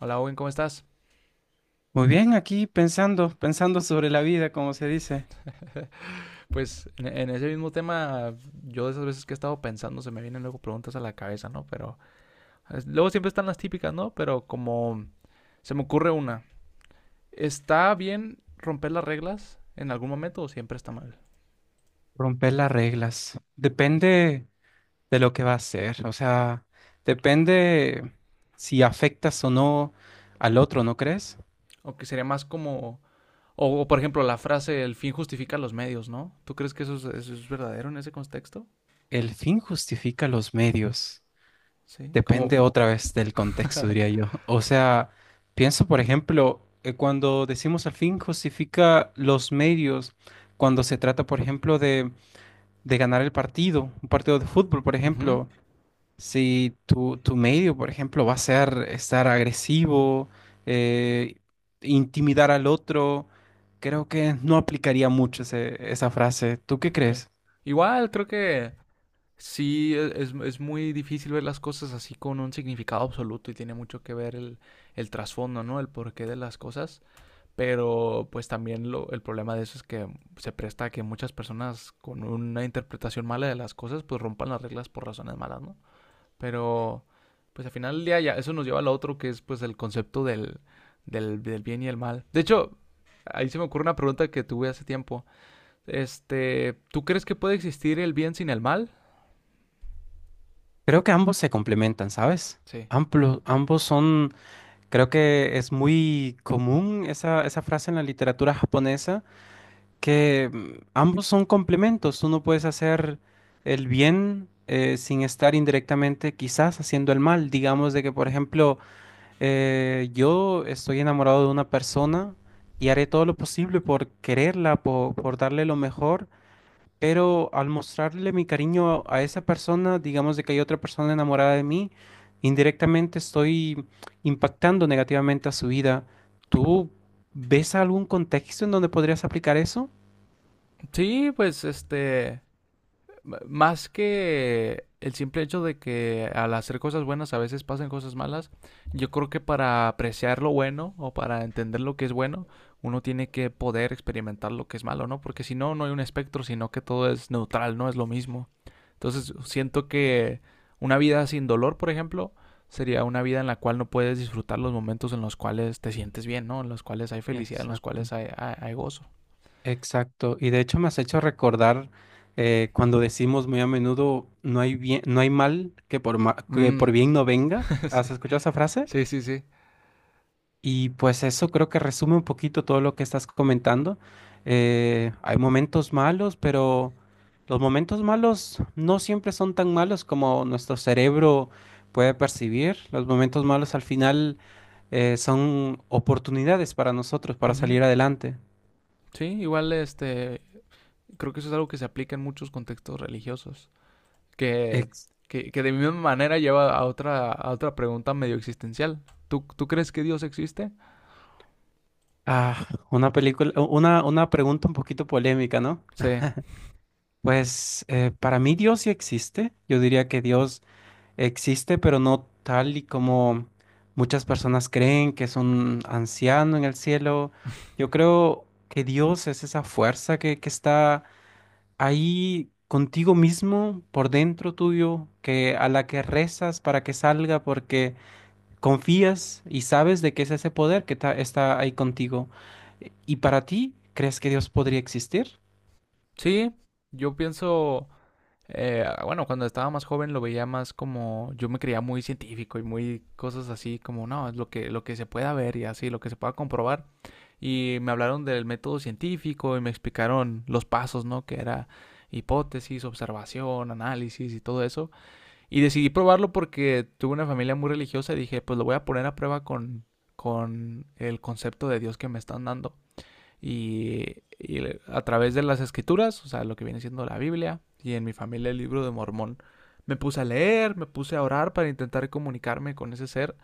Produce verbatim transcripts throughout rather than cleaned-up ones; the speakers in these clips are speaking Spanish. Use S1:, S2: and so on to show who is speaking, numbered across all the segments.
S1: Hola Owen, ¿cómo estás?
S2: Muy bien, aquí pensando, pensando sobre la vida, como se dice,
S1: Pues en, en ese mismo tema, yo de esas veces que he estado pensando, se me vienen luego preguntas a la cabeza, ¿no? Pero es- luego siempre están las típicas, ¿no? Pero como se me ocurre una, ¿está bien romper las reglas en algún momento o siempre está mal?
S2: romper las reglas. Depende de lo que va a hacer, o sea, depende si afectas o no al otro, ¿no crees?
S1: O que sería más como, o, o, por ejemplo la frase, el fin justifica los medios, ¿no? ¿Tú crees que eso es, eso es verdadero en ese contexto?
S2: El fin justifica los medios.
S1: Sí,
S2: Depende
S1: como...
S2: otra vez del contexto, diría yo. O sea, pienso, por ejemplo, eh, cuando decimos el fin justifica los medios, cuando se trata, por ejemplo, de, de ganar el partido, un partido de fútbol, por
S1: Ujú,
S2: ejemplo. Si tu, tu medio, por ejemplo, va a ser estar agresivo, eh, intimidar al otro, creo que no aplicaría mucho ese- esa frase. ¿Tú qué
S1: ok.
S2: crees?
S1: Igual creo que sí, e- es, es muy difícil ver las cosas así con un significado absoluto y tiene mucho que ver el, el trasfondo, ¿no? El porqué de las cosas. Pero pues también lo, el problema de eso es que se presta a que muchas personas con una interpretación mala de las cosas pues rompan las reglas por razones malas, ¿no? Pero pues al final del día ya eso nos lleva al otro que es pues el concepto del, del, del bien y el mal. De hecho, ahí se me ocurre una pregunta que tuve hace tiempo. Este, ¿tú crees que puede existir el bien sin el mal?
S2: Creo que ambos se complementan, ¿sabes?
S1: Sí,
S2: Amplo- ambos son, creo que es muy común esa, esa frase en la literatura japonesa, que mm, ambos son complementos. Tú no puedes hacer el bien eh, sin estar indirectamente quizás haciendo el mal. Digamos de que, por ejemplo, Eh, yo estoy enamorado de una persona y haré todo lo posible por quererla, po- por, darle lo mejor, pero al mostrarle mi cariño a esa persona, digamos de que hay otra persona enamorada de mí, indirectamente estoy impactando negativamente a su vida.
S1: claro.
S2: ¿Tú ves algún contexto en donde podrías aplicar eso?
S1: Sí, pues este, m- más que el simple hecho de que al hacer cosas buenas a veces pasan cosas malas, yo creo que para apreciar lo bueno o para entender lo que es bueno, uno tiene que poder experimentar lo que es malo, ¿no? Porque si no, no hay un espectro, sino que todo es neutral, no es lo mismo. Entonces, siento que una vida sin dolor, por ejemplo, sería una vida en la cual no puedes disfrutar los momentos en los cuales te sientes bien, ¿no? En los cuales hay felicidad, en los
S2: Exacto.
S1: cuales hay, hay- hay gozo.
S2: Exacto, y de hecho me has hecho recordar eh, cuando decimos muy a menudo no hay bien, no hay mal que por ma- que por
S1: Mm,
S2: bien no venga.
S1: sí,
S2: ¿Has escuchado esa frase?
S1: sí, sí. Sí.
S2: Y pues eso creo que resume un poquito todo lo que estás comentando. Eh, hay momentos malos, pero los momentos malos no siempre son tan malos como nuestro cerebro puede percibir. Los momentos malos al final eh, son oportunidades para nosotros para
S1: Ujú.
S2: salir adelante.
S1: Sí, igual este, creo que eso es algo que se aplica en muchos contextos religiosos, que,
S2: Ex-
S1: que, que de misma manera lleva a otra, a otra pregunta medio existencial. ¿Tú, tú crees que Dios existe?
S2: Ah, una película, una, una pregunta un poquito polémica, ¿no?
S1: Sí.
S2: Pues eh, para mí Dios sí existe. Yo diría que Dios existe, pero no tal y como muchas personas creen que es un anciano en el cielo. Yo creo que Dios es esa fuerza que, que está ahí contigo mismo, por dentro tuyo, que a la que rezas para que salga, porque confías y sabes de qué es ese poder que ta- está ahí contigo. ¿Y para ti, crees que Dios podría existir?
S1: Sí, yo pienso, eh, bueno, cuando estaba más joven lo veía más como, yo me creía muy científico y muy cosas así, como, no, es lo que, lo que se pueda ver y así, lo que se pueda comprobar. Y me hablaron del método científico y me explicaron los pasos, ¿no? Que era hipótesis, observación, análisis y todo eso. Y decidí probarlo porque tuve una familia muy religiosa y dije, pues lo voy a poner a prueba con, con el concepto de Dios que me están dando y, y a través de las escrituras, o sea, lo que viene siendo la Biblia y en mi familia el libro de Mormón, me puse a leer, me puse a orar para intentar comunicarme con ese ser.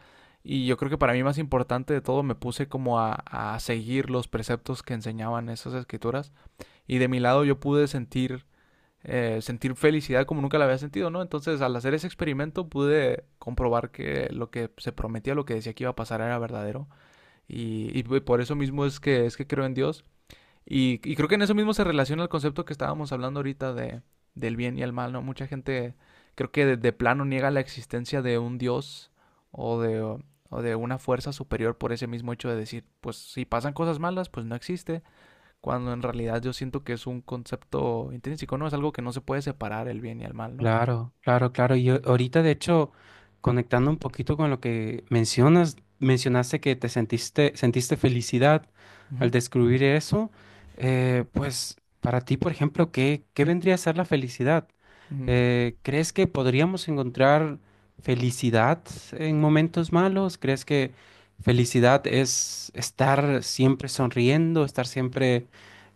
S1: Y yo creo que para mí más importante de todo me puse como a, a seguir los preceptos que enseñaban esas escrituras. Y de mi lado yo pude sentir, eh, sentir felicidad como nunca la había sentido, ¿no? Entonces al hacer ese experimento pude comprobar que lo que se prometía, lo que decía que iba a pasar era verdadero. Y, y por eso mismo es que, es que creo en Dios. Y, y creo que en eso mismo se relaciona el concepto que estábamos hablando ahorita de, del bien y el mal, ¿no? Mucha gente creo que de, de plano niega la existencia de un Dios o de, o o de una fuerza superior por ese mismo hecho de decir, pues si pasan cosas malas, pues no existe, cuando en realidad yo siento que es un concepto intrínseco, ¿no? Es algo que no se puede separar el bien y el mal, ¿no?
S2: Claro, claro, claro. Y a- ahorita, de hecho, conectando un poquito con lo que mencionas, mencionaste que te sentiste, sentiste felicidad al
S1: Ujú.
S2: descubrir eso. Eh, pues para ti, por ejemplo, ¿qué, qué vendría a ser la felicidad?
S1: Mm,
S2: Eh, ¿crees que podríamos encontrar felicidad en momentos malos? ¿Crees que felicidad es estar siempre sonriendo, estar siempre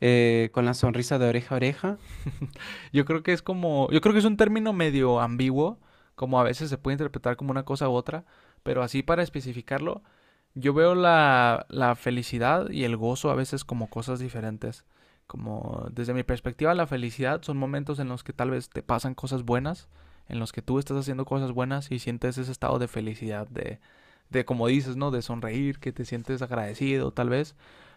S2: eh, con la sonrisa de oreja a oreja?
S1: yo creo que es como, yo creo que es un término medio ambiguo, como a veces se puede interpretar como una cosa u otra, pero así para especificarlo, yo veo la, la felicidad y el gozo a veces como cosas diferentes. Como desde mi perspectiva, la felicidad son momentos en los que tal vez te pasan cosas buenas, en los que tú estás haciendo cosas buenas y sientes ese estado de felicidad, de, de como dices, ¿no? De sonreír, que te sientes agradecido tal vez.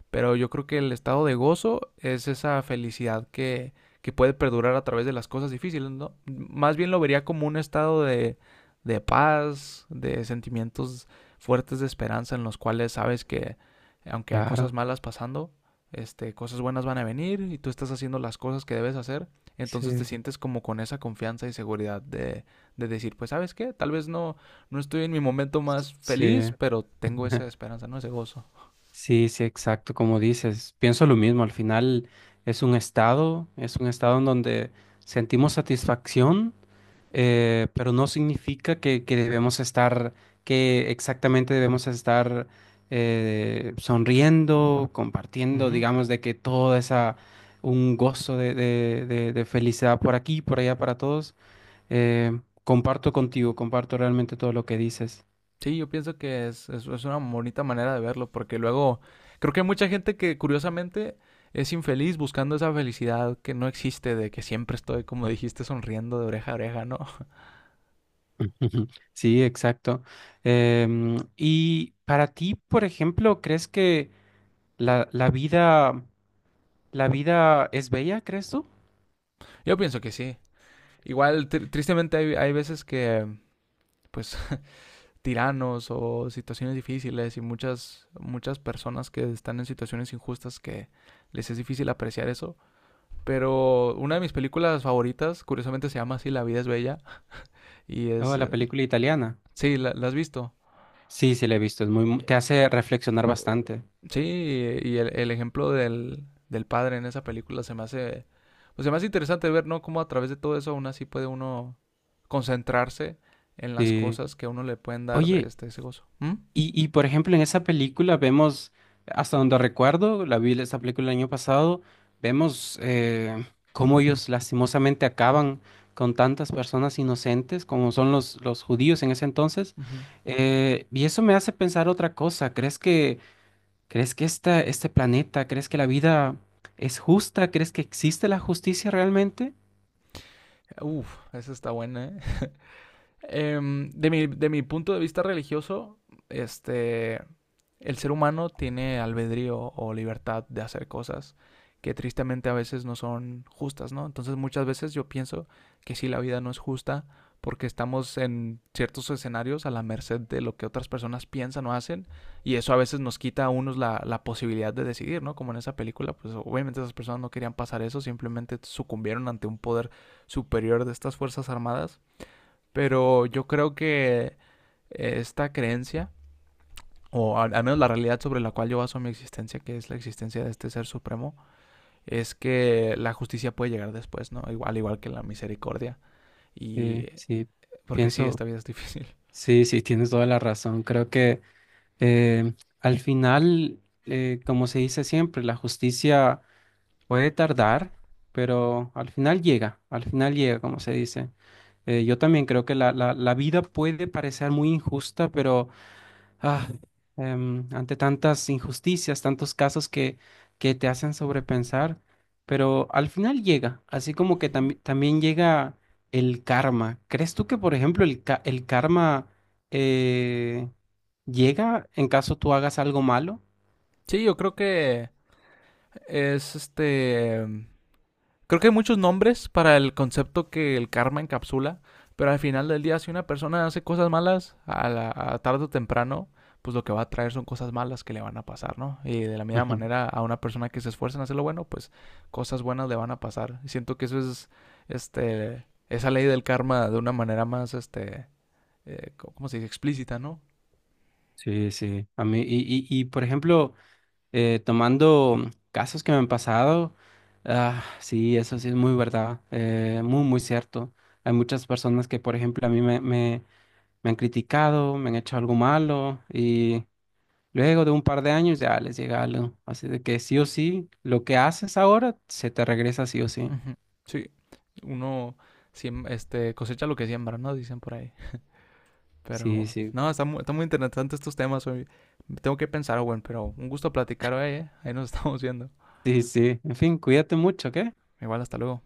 S1: Pero yo creo que el estado de gozo es esa felicidad que, que puede perdurar a través de las cosas difíciles, ¿no? Más bien lo vería como un estado de, de paz, de sentimientos fuertes de esperanza en los cuales sabes que aunque hay cosas
S2: Claro,
S1: malas pasando, este, cosas buenas van a venir y tú estás haciendo las cosas que debes hacer, entonces te
S2: sí.
S1: sientes como con esa confianza y seguridad de, de decir, pues sabes qué, tal vez no, no estoy en mi momento más feliz,
S2: Sí,
S1: pero tengo esa esperanza, ¿no? Ese gozo.
S2: sí, sí, exacto, como dices, pienso lo mismo, al final es un estado, es un estado en donde sentimos satisfacción, eh, pero no significa que, que debemos estar, que exactamente debemos estar eh, sonriendo, compartiendo,
S1: Ujú.
S2: digamos, de que toda esa, un gozo de, de- de- de felicidad por aquí, por allá, para todos. Eh, comparto contigo, comparto realmente todo lo que dices.
S1: Sí, yo pienso que es, es, es una bonita manera de verlo, porque luego creo que hay mucha gente que curiosamente es infeliz buscando esa felicidad que no existe, de que siempre estoy, como dijiste, sonriendo de oreja a oreja, ¿no?
S2: Ujú. Sí, exacto. Em, y para ti, por ejemplo, ¿crees que la, la vida, la vida es bella, crees tú?
S1: Yo pienso que sí. Igual, tr- tristemente hay, hay veces que, pues, tiranos o situaciones difíciles y muchas, muchas personas que están en situaciones injustas que les es difícil apreciar eso. Pero una de mis películas favoritas, curiosamente se llama así, La vida es bella, y es...
S2: Oh, la
S1: eh,
S2: película italiana.
S1: sí, la, la has visto.
S2: Sí, sí, la he visto. Es muy, mu- te hace reflexionar bastante.
S1: Sí, y el, el ejemplo del, del padre en esa película se me hace, pues se me hace interesante ver, ¿no? Cómo a través de todo eso aún así puede uno concentrarse en las
S2: Sí.
S1: cosas que a uno le pueden dar
S2: Oye,
S1: este, ese gozo. ¿Mm?
S2: Y, y, por ejemplo, en esa película vemos, hasta donde recuerdo, la vi esa película el año pasado, vemos eh, cómo ellos lastimosamente acaban con tantas personas inocentes como son los, los judíos en ese entonces.
S1: Ujú.
S2: Eh, y eso me hace pensar otra cosa. ¿Crees que, crees que esta, este planeta, ¿crees que la vida es justa? ¿Crees que existe la justicia realmente?
S1: Uf, esa está buena, ¿eh? Em, de mi, de mi punto de vista religioso, este, el ser humano tiene albedrío o libertad de hacer cosas que tristemente a veces no son justas, ¿no? Entonces muchas veces yo pienso que sí, la vida no es justa porque estamos en ciertos escenarios a la merced de lo que otras personas piensan o hacen y eso a veces nos quita a unos la, la posibilidad de decidir, ¿no? Como en esa película, pues obviamente esas personas no querían pasar eso, simplemente sucumbieron ante un poder superior de estas Fuerzas Armadas, pero yo creo que esta creencia o al, al menos la realidad sobre la cual yo baso mi existencia, que es la existencia de este ser supremo, es que la justicia puede llegar después, ¿no? Igual, igual que la misericordia. Y
S2: Eh, sí,
S1: porque sí,
S2: pienso,
S1: esta vida es difícil.
S2: sí, sí, tienes toda la razón. Creo que... Eh, Al final, eh, como se dice siempre, la justicia puede tardar, pero al final llega, al final llega, como se dice. Eh, yo también creo que la, la- la vida puede parecer muy injusta, pero Ah, em, ante tantas injusticias, tantos casos que, que te hacen sobrepensar, pero al final llega, así como que
S1: Uh-huh.
S2: tam- también llega el karma. ¿Crees tú que, por ejemplo, el, ca- el karma eh, llega en caso tú hagas algo malo?
S1: Sí, yo creo que es este. Creo que hay muchos nombres para el concepto que el karma encapsula, pero al final del día, si una persona hace cosas malas, a, la, a tarde o temprano, pues lo que va a traer son cosas malas que le van a pasar, ¿no? Y de la misma
S2: Ujú.
S1: manera, a una persona que se esfuerza en hacer lo bueno, pues cosas buenas le van a pasar. Y siento que eso es, este, esa ley del karma de una manera más, este, eh, ¿cómo se dice? Explícita, ¿no?
S2: Sí, sí. A mí, y, y, y, por ejemplo, eh, tomando casos que me han pasado, ah, sí, eso sí es muy verdad, eh, muy, muy cierto. Hay muchas personas que, por ejemplo, a mí me han criticado, me han hecho algo malo y luego de un par de años ya les llega algo. Así de que sí o sí, lo que haces ahora se te regresa sí o sí.
S1: Ujú. Sí, uno siem- este, cosecha lo que siembra, ¿no? Dicen por ahí.
S2: Sí,
S1: Pero,
S2: sí,
S1: no, está muy, está muy interesante estos temas hoy. Tengo que pensar, Owen, pero un gusto platicar hoy, ¿eh? Ahí nos estamos viendo.
S2: sí, sí. En fin, cuídate mucho, ¿ok?
S1: Igual, hasta luego.